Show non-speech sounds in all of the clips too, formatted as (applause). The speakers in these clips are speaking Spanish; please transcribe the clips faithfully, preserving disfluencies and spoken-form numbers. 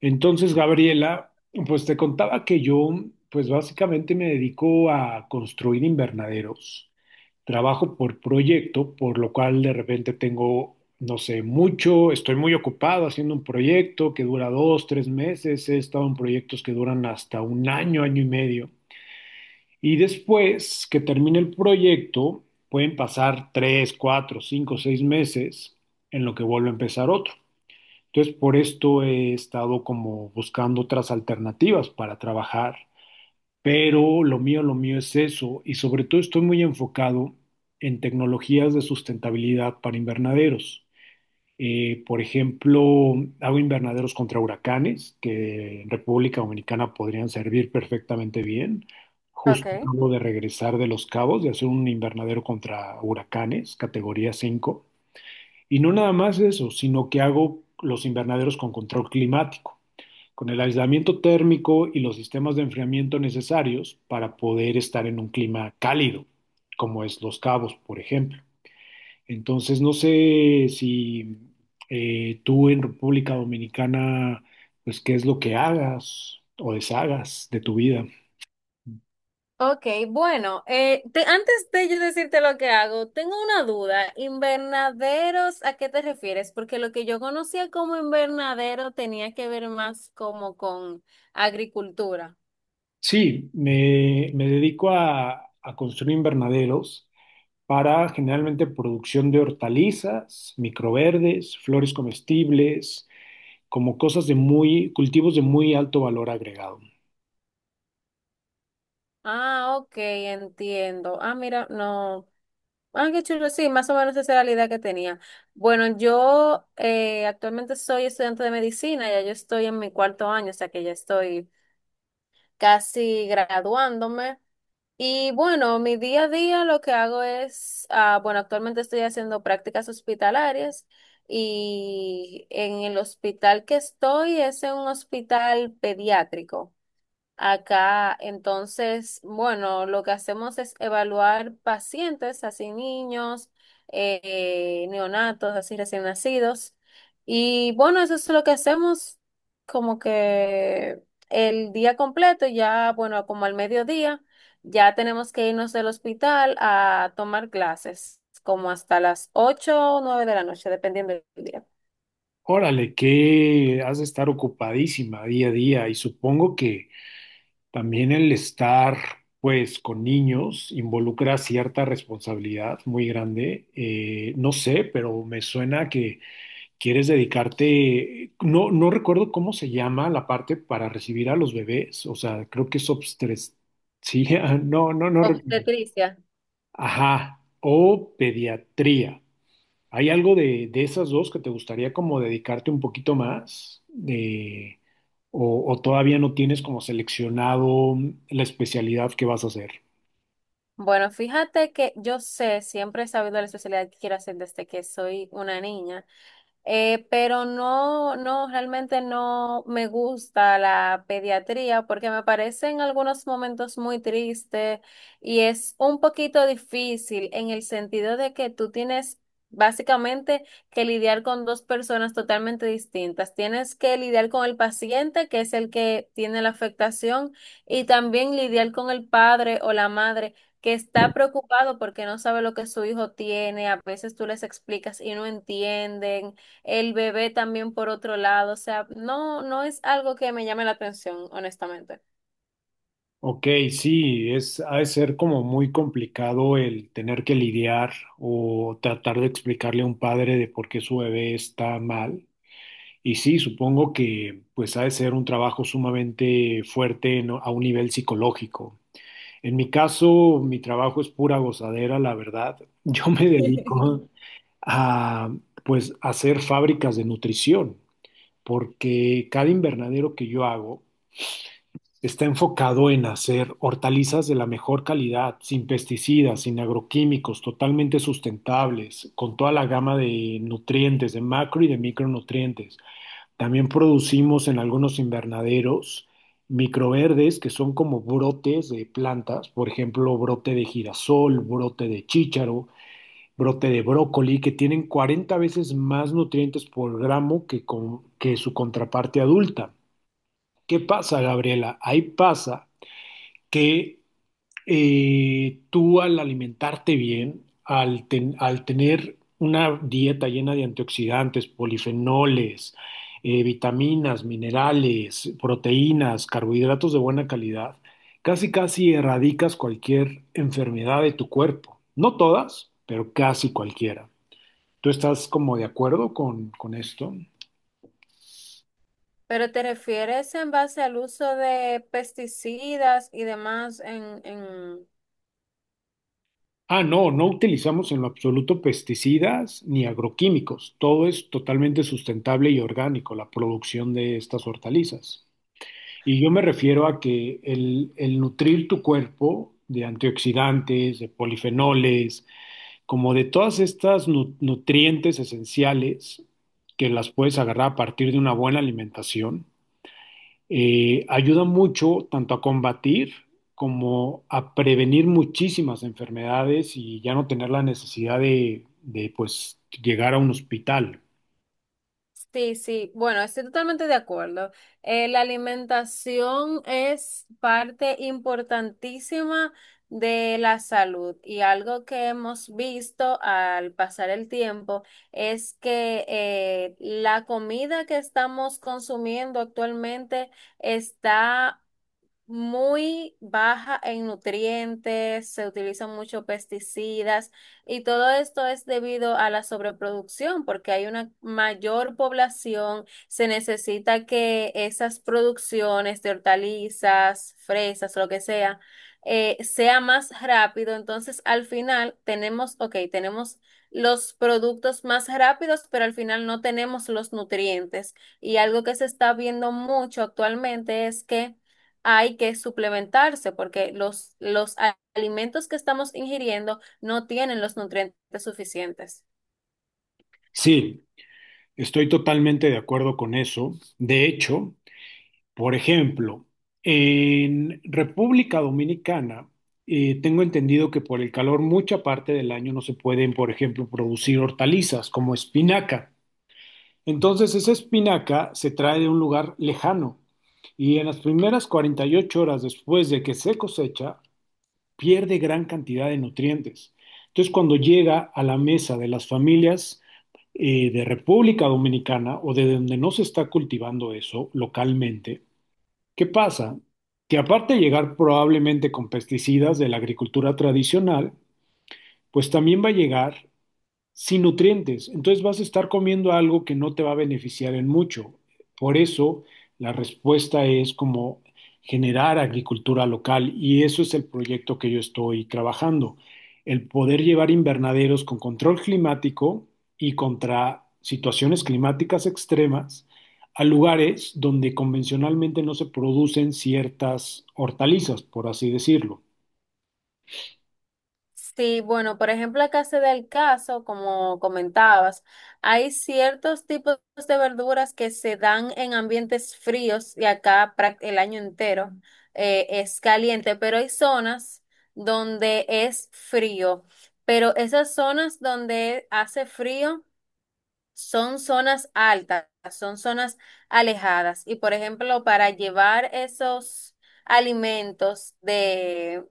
Entonces, Gabriela, pues te contaba que yo, pues básicamente me dedico a construir invernaderos. Trabajo por proyecto, por lo cual de repente tengo, no sé, mucho, estoy muy ocupado haciendo un proyecto que dura dos, tres meses. He estado en proyectos que duran hasta un año, año y medio. Y después que termine el proyecto, pueden pasar tres, cuatro, cinco, seis meses en lo que vuelvo a empezar otro. Entonces, por esto he estado como buscando otras alternativas para trabajar, pero lo mío, lo mío es eso, y sobre todo estoy muy enfocado en tecnologías de sustentabilidad para invernaderos. Eh, por ejemplo, hago invernaderos contra huracanes, que en República Dominicana podrían servir perfectamente bien. Ok. Justo acabo de regresar de Los Cabos, de hacer un invernadero contra huracanes, categoría cinco. Y no nada más eso, sino que hago los invernaderos con control climático, con el aislamiento térmico y los sistemas de enfriamiento necesarios para poder estar en un clima cálido, como es Los Cabos, por ejemplo. Entonces, no sé si eh, tú en República Dominicana, pues qué es lo que hagas o deshagas de tu vida. Ok, bueno, eh, te- antes de yo decirte lo que hago, tengo una duda. ¿Invernaderos a qué te refieres? Porque lo que yo conocía como invernadero tenía que ver más como con agricultura. Sí, me, me dedico a, a construir invernaderos para generalmente producción de hortalizas, microverdes, flores comestibles, como cosas de muy, cultivos de muy alto valor agregado. Ah, ok, entiendo. Ah, mira, no. Ah, qué chulo, sí, más o menos esa era la idea que tenía. Bueno, yo eh, actualmente soy estudiante de medicina, ya yo estoy en mi cuarto año, o sea que ya estoy casi graduándome. Y bueno, mi día a día lo que hago es, ah, bueno, actualmente estoy haciendo prácticas hospitalarias y en el hospital que estoy es en un hospital pediátrico. Acá, entonces, bueno, lo que hacemos es evaluar pacientes, así niños, eh, neonatos, así recién nacidos. Y bueno, eso es lo que hacemos como que el día completo, ya, bueno, como al mediodía, ya tenemos que irnos del hospital a tomar clases, como hasta las ocho o nueve de la noche, dependiendo del día. Órale, que has de estar ocupadísima día a día y supongo que también el estar pues con niños involucra cierta responsabilidad muy grande. Eh, no sé, pero me suena que quieres dedicarte, no, no recuerdo cómo se llama la parte para recibir a los bebés, o sea, creo que es obstetricia, (laughs) no, no, no recuerdo. Obstetricia. Ajá, o pediatría. ¿Hay algo de, de esas dos que te gustaría como dedicarte un poquito más? De, o, ¿O todavía no tienes como seleccionado la especialidad que vas a hacer? Bueno, fíjate que yo sé, siempre he sabido la especialidad que quiero hacer desde que soy una niña. Eh, pero no, no, realmente no me gusta la pediatría porque me parece en algunos momentos muy triste y es un poquito difícil en el sentido de que tú tienes básicamente que lidiar con dos personas totalmente distintas. Tienes que lidiar con el paciente, que es el que tiene la afectación, y también lidiar con el padre o la madre, que está preocupado porque no sabe lo que su hijo tiene, a veces tú les explicas y no entienden el bebé también por otro lado, o sea, no, no es algo que me llame la atención, honestamente. Ok, sí, es, ha de ser como muy complicado el tener que lidiar o tratar de explicarle a un padre de por qué su bebé está mal. Y sí, supongo que pues ha de ser un trabajo sumamente fuerte en- a un nivel psicológico. En mi caso, mi trabajo es pura gozadera, la verdad. (laughs) Yo me dedico a pues hacer fábricas de nutrición, porque cada invernadero que yo hago está enfocado en hacer hortalizas de la mejor calidad, sin pesticidas, sin agroquímicos, totalmente sustentables, con toda la gama de nutrientes, de macro y de micronutrientes. También producimos en algunos invernaderos microverdes, que son como brotes de plantas, por ejemplo, brote de girasol, brote de chícharo, brote de brócoli, que tienen cuarenta veces más nutrientes por gramo que, con- que su contraparte adulta. ¿Qué pasa, Gabriela? Ahí pasa que eh, tú al alimentarte bien, al, ten- al tener una dieta llena de antioxidantes, polifenoles, eh, vitaminas, minerales, proteínas, carbohidratos de buena calidad, casi casi erradicas cualquier enfermedad de tu cuerpo. No todas, pero casi cualquiera. ¿Tú estás como de acuerdo con, con esto? Pero ¿te refieres en base al uso de pesticidas y demás en, en, Ah, no, no utilizamos en lo absoluto pesticidas ni agroquímicos. Todo es totalmente sustentable y orgánico, la producción de estas hortalizas. Y yo me refiero a que el, el nutrir tu cuerpo de antioxidantes, de polifenoles, como de todas estas nu- nutrientes esenciales que las puedes agarrar a partir de una buena alimentación, eh, ayuda mucho tanto a combatir como a prevenir muchísimas enfermedades y ya no tener la necesidad de, de, pues llegar a un hospital. Sí, sí, bueno, estoy totalmente de acuerdo. Eh, la alimentación es parte importantísima de la salud y algo que hemos visto al pasar el tiempo es que eh, la comida que estamos consumiendo actualmente está muy baja en nutrientes, se utilizan muchos pesticidas y todo esto es debido a la sobreproducción porque hay una mayor población, se necesita que esas producciones de hortalizas, fresas, lo que sea, eh, sea más rápido. Entonces, al final tenemos, ok, tenemos los productos más rápidos, pero al final no tenemos los nutrientes. Y algo que se está viendo mucho actualmente es que hay que suplementarse porque los, los a- alimentos que estamos ingiriendo no tienen los nutrientes suficientes. Sí, estoy totalmente de acuerdo con eso. De hecho, por ejemplo, en República Dominicana, eh, tengo entendido que por el calor mucha parte del año no se pueden, por ejemplo, producir hortalizas como espinaca. Entonces esa espinaca se trae de un lugar lejano y en las primeras cuarenta y ocho horas después de que se cosecha, pierde gran cantidad de nutrientes. Entonces cuando llega a la mesa de las familias eh, de República Dominicana o de donde no se está cultivando eso localmente, ¿qué pasa? Que aparte de llegar probablemente con pesticidas de la agricultura tradicional, pues también va a llegar sin nutrientes. Entonces vas a estar comiendo algo que no te va a beneficiar en mucho. Por eso la respuesta es como generar agricultura local y eso es el proyecto que yo estoy trabajando. El poder llevar invernaderos con control climático y contra situaciones climáticas extremas a lugares donde convencionalmente no se producen ciertas hortalizas, por así decirlo. Sí, bueno, por ejemplo, acá se da el caso, como comentabas, hay ciertos tipos de verduras que se dan en ambientes fríos y acá prac- el año entero eh, es caliente, pero hay zonas donde es frío, pero esas zonas donde hace frío son zonas altas, son zonas alejadas. Y por ejemplo, para llevar esos alimentos de,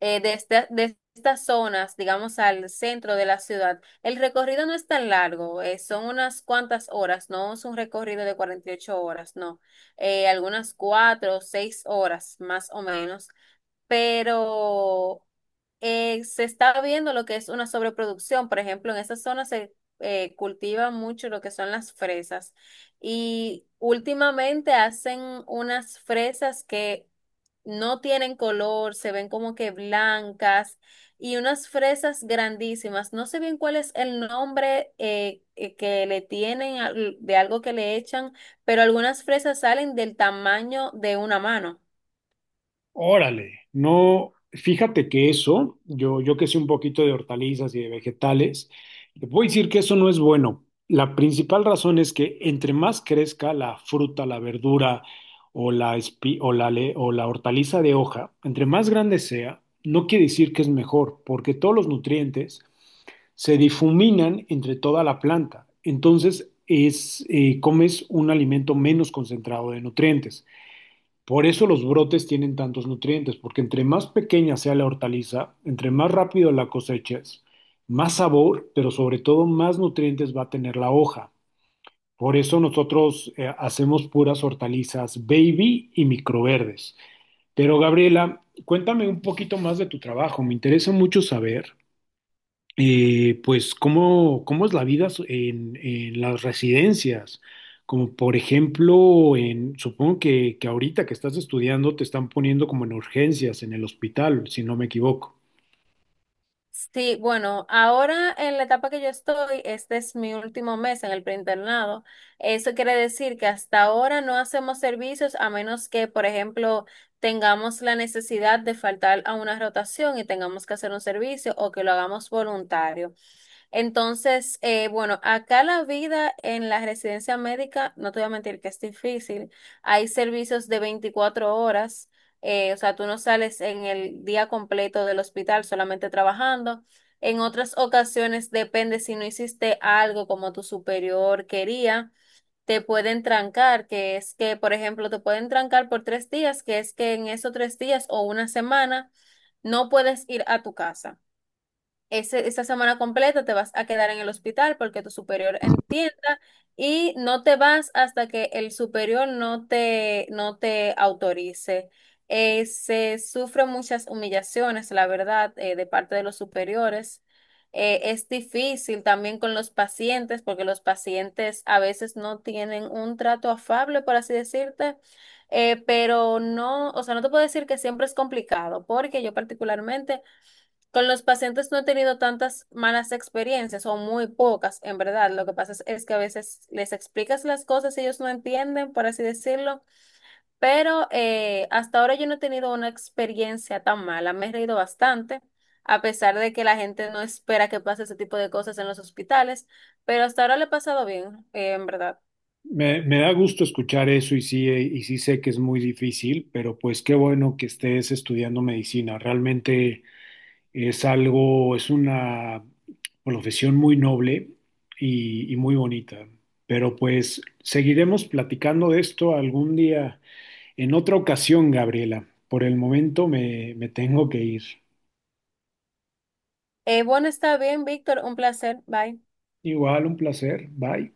eh, de, esta- de estas zonas, digamos, al centro de la ciudad, el recorrido no es tan largo, eh, son unas cuantas horas, no es un recorrido de cuarenta y ocho horas, no. Eh, algunas cuatro o seis horas más o menos. Pero eh, se está viendo lo que es una sobreproducción. Por ejemplo, en esa zona se eh, cultiva mucho lo que son las fresas. Y últimamente hacen unas fresas que no tienen color, se ven como que blancas y unas fresas grandísimas. No sé bien cuál es el nombre eh, eh, que le tienen al- de algo que le echan, pero algunas fresas salen del tamaño de una mano. Órale, no, fíjate que eso, yo, yo que sé un poquito de hortalizas y de vegetales, te puedo decir que eso no es bueno. La principal razón es que entre más crezca la fruta, la verdura o la, espi- o la, le- o la hortaliza de hoja, entre más grande sea, no quiere decir que es mejor, porque todos los nutrientes se difuminan entre toda la planta. Entonces, es, eh, comes un alimento menos concentrado de nutrientes. Por eso los brotes tienen tantos nutrientes, porque entre más pequeña sea la hortaliza, entre más rápido la coseches, más sabor, pero sobre todo más nutrientes va a tener la hoja. Por eso nosotros eh, hacemos puras hortalizas baby y microverdes. Pero Gabriela, cuéntame un poquito más de tu trabajo, me interesa mucho saber eh, pues cómo, cómo es la vida so- en, en las residencias, como por ejemplo, en, supongo que, que ahorita que estás estudiando te están poniendo como en urgencias en el hospital, si no me equivoco. Sí, bueno, ahora en la etapa que yo estoy, este es mi último mes en el preinternado. Eso quiere decir que hasta ahora no hacemos servicios a menos que, por ejemplo, tengamos la necesidad de faltar a una rotación y tengamos que hacer un servicio o que lo hagamos voluntario. Entonces, eh, bueno, acá la vida en la residencia médica, no te voy a mentir que es difícil. Hay servicios de veinticuatro horas, eh, o sea, tú no sales en el día completo del hospital solamente trabajando. En otras ocasiones, depende si no hiciste algo como tu superior quería, te pueden trancar, que es que, por ejemplo, te pueden trancar por tres días, que es que en esos tres días o una semana no puedes ir a tu casa, ese- esa semana completa te vas a quedar en el hospital porque tu superior entienda y no te vas hasta que el superior no te, no te autorice. Eh, se sufren muchas humillaciones, la verdad, eh, de parte de los superiores. Eh, es difícil también con los pacientes porque los pacientes a veces no tienen un trato afable, por así decirte. Eh, pero no, o sea, no te puedo decir que siempre es complicado, porque yo particularmente con los pacientes no he tenido tantas malas experiencias o muy pocas, en verdad. Lo que pasa es, es que a veces les explicas las cosas y ellos no entienden, por así decirlo, pero eh, hasta ahora yo no he tenido una experiencia tan mala. Me he reído bastante, a pesar de que la gente no espera que pase ese tipo de cosas en los hospitales, pero hasta ahora le he pasado bien, eh, en verdad. Me, me da gusto escuchar eso y sí, eh, y sí sé que es muy difícil, pero pues qué bueno que estés estudiando medicina. Realmente Es algo, es una profesión muy noble y, y muy bonita. Pero pues seguiremos platicando de esto algún día, en otra ocasión, Gabriela. Por el momento me, me tengo que ir. Eh, bueno, está bien, Víctor, un placer. Bye. Igual, un placer. Bye.